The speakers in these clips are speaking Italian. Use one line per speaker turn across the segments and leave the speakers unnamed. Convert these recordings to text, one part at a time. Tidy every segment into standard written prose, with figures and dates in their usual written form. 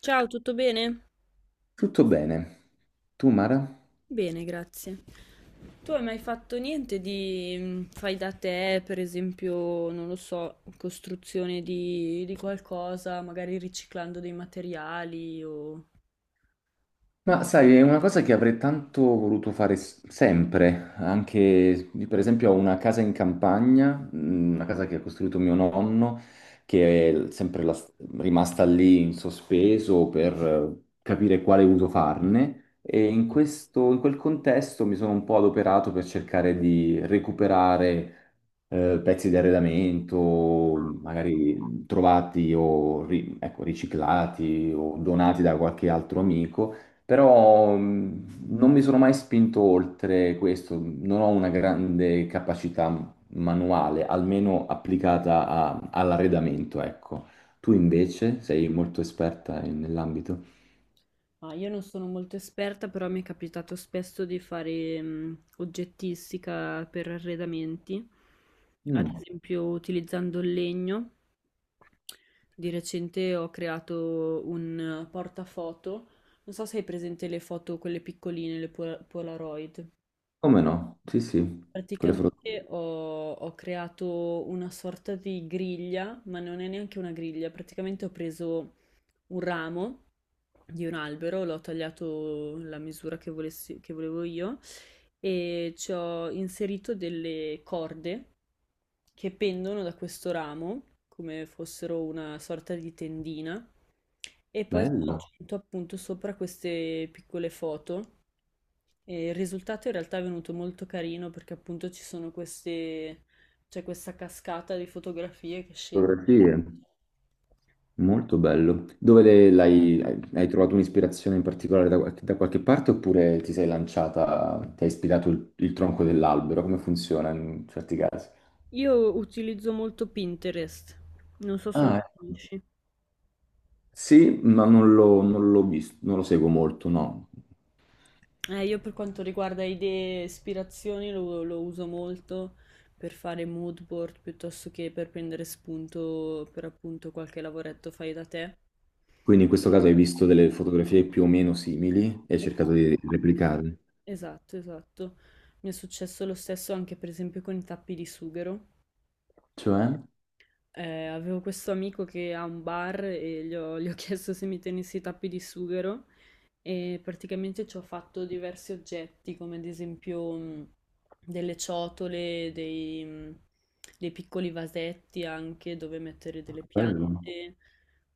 Ciao, tutto bene?
Tutto bene. Tu, Mara?
Bene, grazie. Tu hai mai fatto niente di fai da te, per esempio, non lo so, costruzione di qualcosa, magari riciclando dei materiali o...
Ma sai, è una cosa che avrei tanto voluto fare sempre, anche io, per esempio ho una casa in campagna, una casa che ha costruito mio nonno, che è sempre rimasta lì in sospeso per capire quale uso farne e in questo, in quel contesto mi sono un po' adoperato per cercare di recuperare pezzi di arredamento, magari trovati o ecco, riciclati o donati da qualche altro amico, però non mi sono mai spinto oltre questo, non ho una grande capacità manuale, almeno applicata all'arredamento, ecco. Tu invece sei molto esperta nell'ambito?
Ma io non sono molto esperta, però mi è capitato spesso di fare oggettistica per arredamenti, ad
Mm,
esempio utilizzando il legno. Di recente ho creato un portafoto, non so se hai presente le foto, quelle piccoline, Polaroid.
come no? Sì, sì, quelle foto.
Praticamente ho creato una sorta di griglia, ma non è neanche una griglia, praticamente ho preso un ramo di un albero, l'ho tagliato la misura che volevo io e ci ho inserito delle corde che pendono da questo ramo, come fossero una sorta di tendina, e poi ho
Bello.
aggiunto appunto sopra queste piccole foto. E il risultato in realtà è venuto molto carino perché appunto ci sono c'è questa cascata di fotografie che scende.
Fotografie. Molto bello. Dove l'hai, hai trovato un'ispirazione in particolare da, da qualche parte oppure ti sei lanciata, ti hai ispirato il tronco dell'albero? Come funziona in certi casi?
Io utilizzo molto Pinterest, non so se lo
Ah, ecco.
conosci.
Sì, ma non l'ho non l'ho visto, non lo seguo molto, no.
Io per quanto riguarda idee e ispirazioni lo uso molto per fare mood board piuttosto che per prendere spunto per appunto qualche lavoretto fai da te.
Quindi in questo caso hai visto delle fotografie più o meno simili e hai
Eh,
cercato di replicarle.
Esatto, esatto. Mi è successo lo stesso anche per esempio con i tappi di sughero.
Cioè?
Avevo questo amico che ha un bar e gli ho chiesto se mi tenessi i tappi di sughero e praticamente ci ho fatto diversi oggetti, come ad esempio delle ciotole, dei dei piccoli vasetti anche dove mettere delle
Bello.
piante.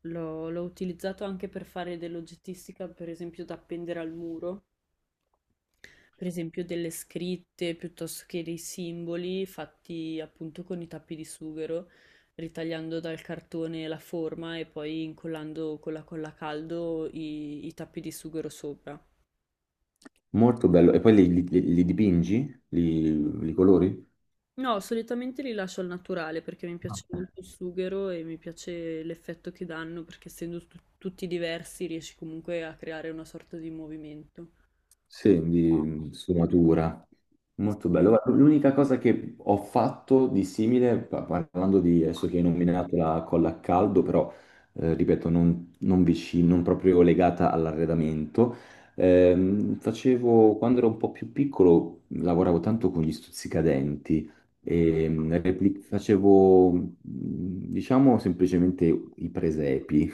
L'ho utilizzato anche per fare dell'oggettistica, per esempio da appendere al muro, per esempio delle scritte piuttosto che dei simboli fatti appunto con i tappi di sughero, ritagliando dal cartone la forma e poi incollando con la colla a caldo i tappi di sughero sopra.
Molto bello. E poi li, li dipingi? Li, li colori?
No, solitamente li lascio al naturale perché mi piace molto il sughero e mi piace l'effetto che danno perché essendo tutti diversi riesci comunque a creare una sorta di movimento.
Sì, di sfumatura.
È stato
Molto bello. Guarda, l'unica cosa che ho fatto di simile, parlando di adesso che hai nominato la colla a caldo, però ripeto, non, non vicino, non proprio legata all'arredamento, facevo quando ero un po' più piccolo, lavoravo tanto con gli stuzzicadenti e facevo, diciamo, semplicemente i presepi.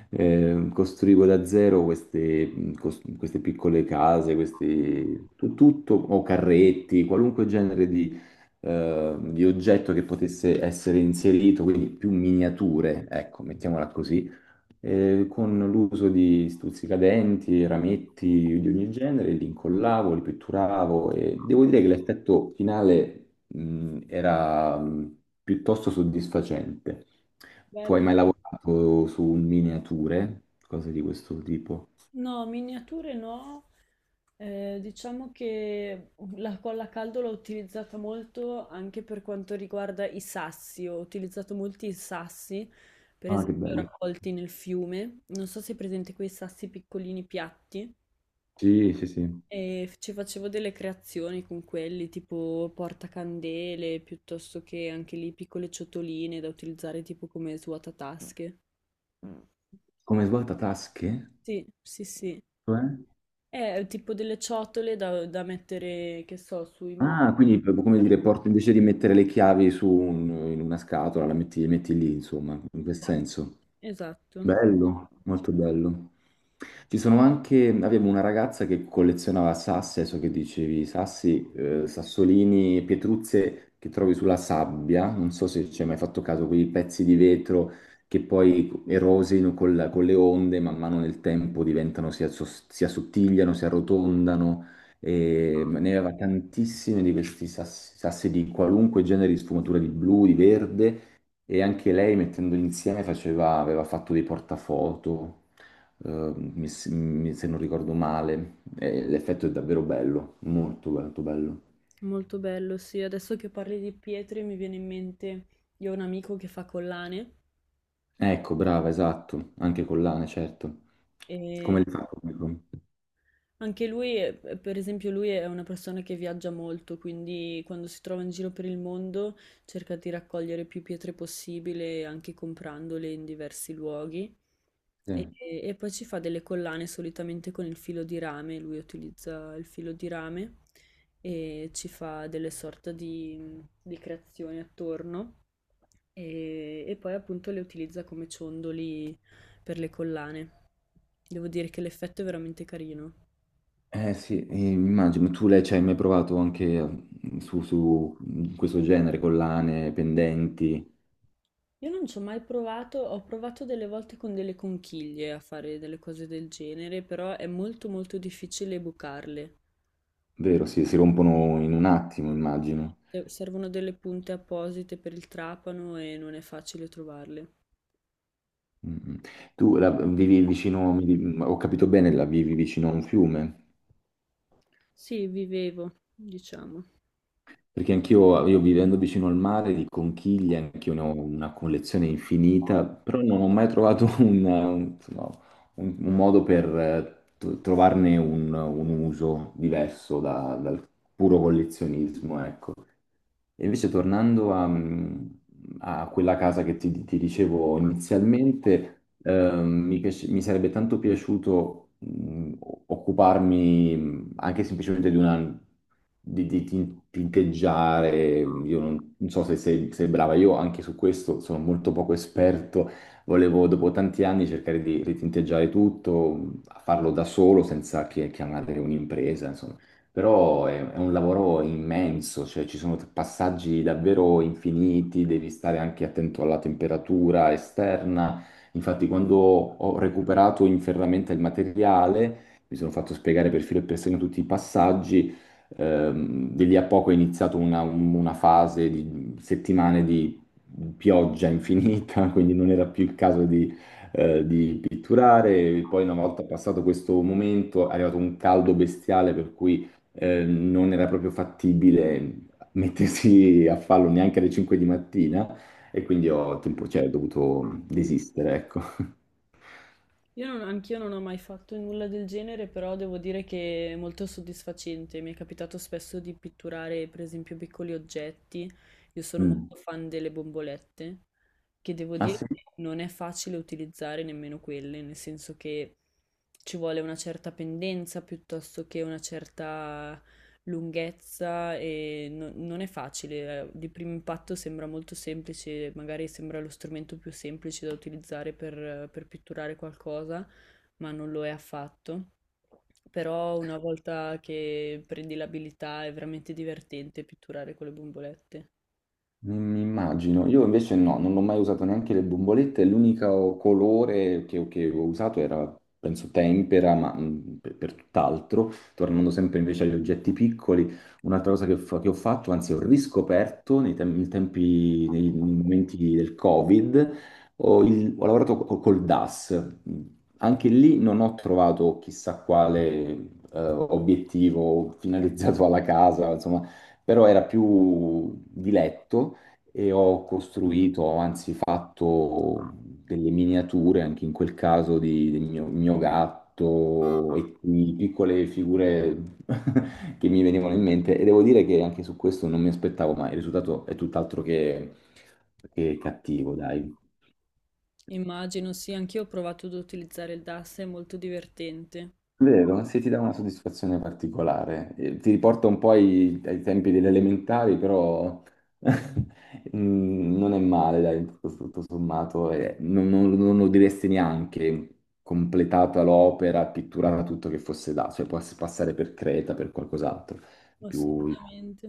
Costruivo da zero queste, queste piccole case, questi, tutto, o carretti, qualunque genere di oggetto che potesse essere inserito, quindi più miniature, ecco, mettiamola così con l'uso di stuzzicadenti, rametti di ogni genere, li incollavo, li pitturavo e devo dire che l'effetto finale, era piuttosto soddisfacente. Tu
bello.
hai mai lavorato su miniature, cose di questo tipo?
No, miniature no. Diciamo che la colla a caldo l'ho utilizzata molto anche per quanto riguarda i sassi. Ho utilizzato molti sassi, per
Ah, che
esempio
bello.
raccolti nel fiume. Non so se è presente quei sassi piccolini piatti.
Sì, sì, sì.
E ci facevo delle creazioni con quelli, tipo portacandele, piuttosto che anche lì piccole ciotoline da utilizzare tipo come svuotatasche.
Come svuotatasche?
Sì, sì, sì.
Cioè?
È tipo delle ciotole da mettere, che so, sui mobili.
Ah, quindi proprio come dire, porti invece di mettere le chiavi su in una scatola, la metti, le metti lì, insomma, in quel senso.
Esatto,
Bello, molto bello. Ci sono anche, abbiamo una ragazza che collezionava sassi, adesso che dicevi, sassi, sassolini, pietruzze che trovi sulla sabbia, non so se ci hai mai fatto caso, quei pezzi di vetro che poi erosino con le onde, man mano nel tempo diventano, si, si assottigliano, si arrotondano, e ne aveva tantissimi di questi sassi, sassi di qualunque genere di sfumatura di blu, di verde e anche lei mettendoli insieme aveva fatto dei portafoto, se non ricordo male. E l'effetto è davvero bello, molto molto bello.
molto bello, sì. Adesso che parli di pietre mi viene in mente, io ho un amico che fa collane
Ecco, brava, esatto, anche collane, certo. Come
e
li fa comunque.
anche lui, per esempio, lui è una persona che viaggia molto, quindi quando si trova in giro per il mondo cerca di raccogliere più pietre possibile, anche comprandole in diversi luoghi. E,
Sì.
e poi ci fa delle collane solitamente con il filo di rame, lui utilizza il filo di rame e ci fa delle sorte di creazioni attorno e poi appunto le utilizza come ciondoli per le collane. Devo dire che l'effetto è veramente carino.
Eh sì, immagino, tu lei ci hai mai provato anche su questo genere, collane, pendenti,
Io non ci ho mai provato, ho provato delle volte con delle conchiglie a fare delle cose del genere, però è molto molto difficile bucarle.
vero? Sì, si rompono in un attimo, immagino.
Servono delle punte apposite per il trapano e non è facile trovarle.
Mm. Mm. Tu la vivi vicino, ho capito bene, la vivi vicino a un fiume?
Sì, vivevo, diciamo.
Perché anch'io, io vivendo vicino al mare, di conchiglie, anch'io ne ho una collezione infinita, però non ho mai trovato un, insomma, un modo per trovarne un uso diverso dal puro collezionismo, ecco. E invece tornando a, a quella casa che ti dicevo inizialmente, mi sarebbe tanto piaciuto occuparmi anche semplicemente di una, di, tinteggiare, io non, non so se sei, sei brava, io anche su questo sono molto poco esperto, volevo dopo tanti anni cercare di ritinteggiare tutto, farlo da solo senza che chiamare un'impresa, insomma però è un lavoro immenso, cioè ci sono passaggi davvero infiniti, devi stare anche attento alla temperatura esterna. Infatti, quando ho recuperato in ferramenta il materiale, mi sono fatto spiegare per filo e per segno tutti i passaggi. Di lì a poco è iniziata una fase di settimane di pioggia infinita, quindi non era più il caso di pitturare. Poi, una volta passato questo momento, è arrivato un caldo bestiale per cui non era proprio fattibile mettersi a farlo neanche alle 5 di mattina e quindi ho, cioè, ho dovuto desistere, ecco.
Io non, anch'io non ho mai fatto nulla del genere, però devo dire che è molto soddisfacente. Mi è capitato spesso di pitturare, per esempio, piccoli oggetti. Io sono
Mm.
molto fan delle bombolette, che devo
Ah,
dire
sì?
che non è facile utilizzare nemmeno quelle, nel senso che ci vuole una certa pendenza piuttosto che una certa lunghezza e non è facile. Di primo impatto sembra molto semplice, magari sembra lo strumento più semplice da utilizzare per pitturare qualcosa, ma non lo è affatto. Però una volta che prendi l'abilità è veramente divertente pitturare con le bombolette.
Mi immagino, io invece no, non ho mai usato neanche le bombolette, l'unico colore che ho usato era, penso, tempera, ma per tutt'altro, tornando sempre invece agli oggetti piccoli, un'altra cosa che, che ho fatto, anzi ho riscoperto nei, nei tempi, nei, nei momenti del Covid, ho, ho lavorato col DAS, anche lì non ho trovato chissà quale obiettivo finalizzato alla casa, insomma però era più diletto e ho costruito, ho anzi fatto delle miniature, anche in quel caso, di, del mio, mio gatto e di piccole figure che mi venivano in mente e devo dire che anche su questo non mi aspettavo mai, il risultato è tutt'altro che cattivo, dai.
Immagino, sì, anch'io ho provato ad utilizzare il DAS, è molto divertente.
Vero? Sì, ti dà una soddisfazione particolare. Ti riporta un po' ai, ai tempi delle elementari, però non è male, dai, tutto, tutto sommato. Non, non lo diresti neanche completata l'opera, pitturata tutto che fosse da, cioè può passare per Creta, per qualcos'altro. Più...
Assolutamente.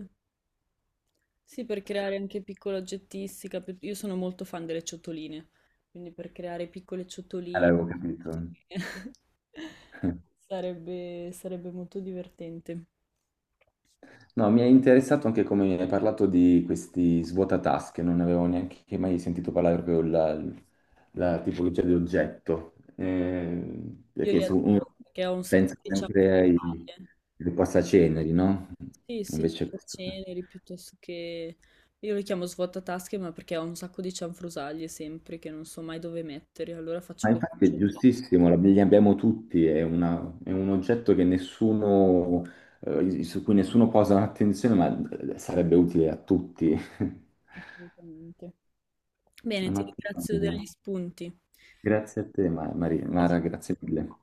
Sì, per creare anche piccola oggettistica, io sono molto fan delle ciotoline, quindi per creare piccole ciotoline
L'avevo capito.
sarebbe molto divertente.
No, mi è interessato anche come hai parlato di questi svuotatasche, non avevo neanche mai sentito parlare proprio la, la tipologia di oggetto, eh,
Io li
perché uno
adoro perché ho un sacco
pensa
di
sempre ai,
cianfrusaglie.
ai passaceneri, no?
Sì, sì,
Invece questo... no.
ceneri piuttosto che... Io li chiamo svuotatasche, ma perché ho un sacco di cianfrusaglie sempre che non so mai dove mettere, allora faccio
Ma
questo.
infatti è giustissimo, li abbiamo tutti, è, è un oggetto che nessuno, su cui nessuno posa attenzione, ma sarebbe utile a tutti.
Assolutamente. Bene, ti
Un'ottima
ringrazio
idea.
degli spunti.
Grazie a te, Maria,
It's
Mara, grazie mille.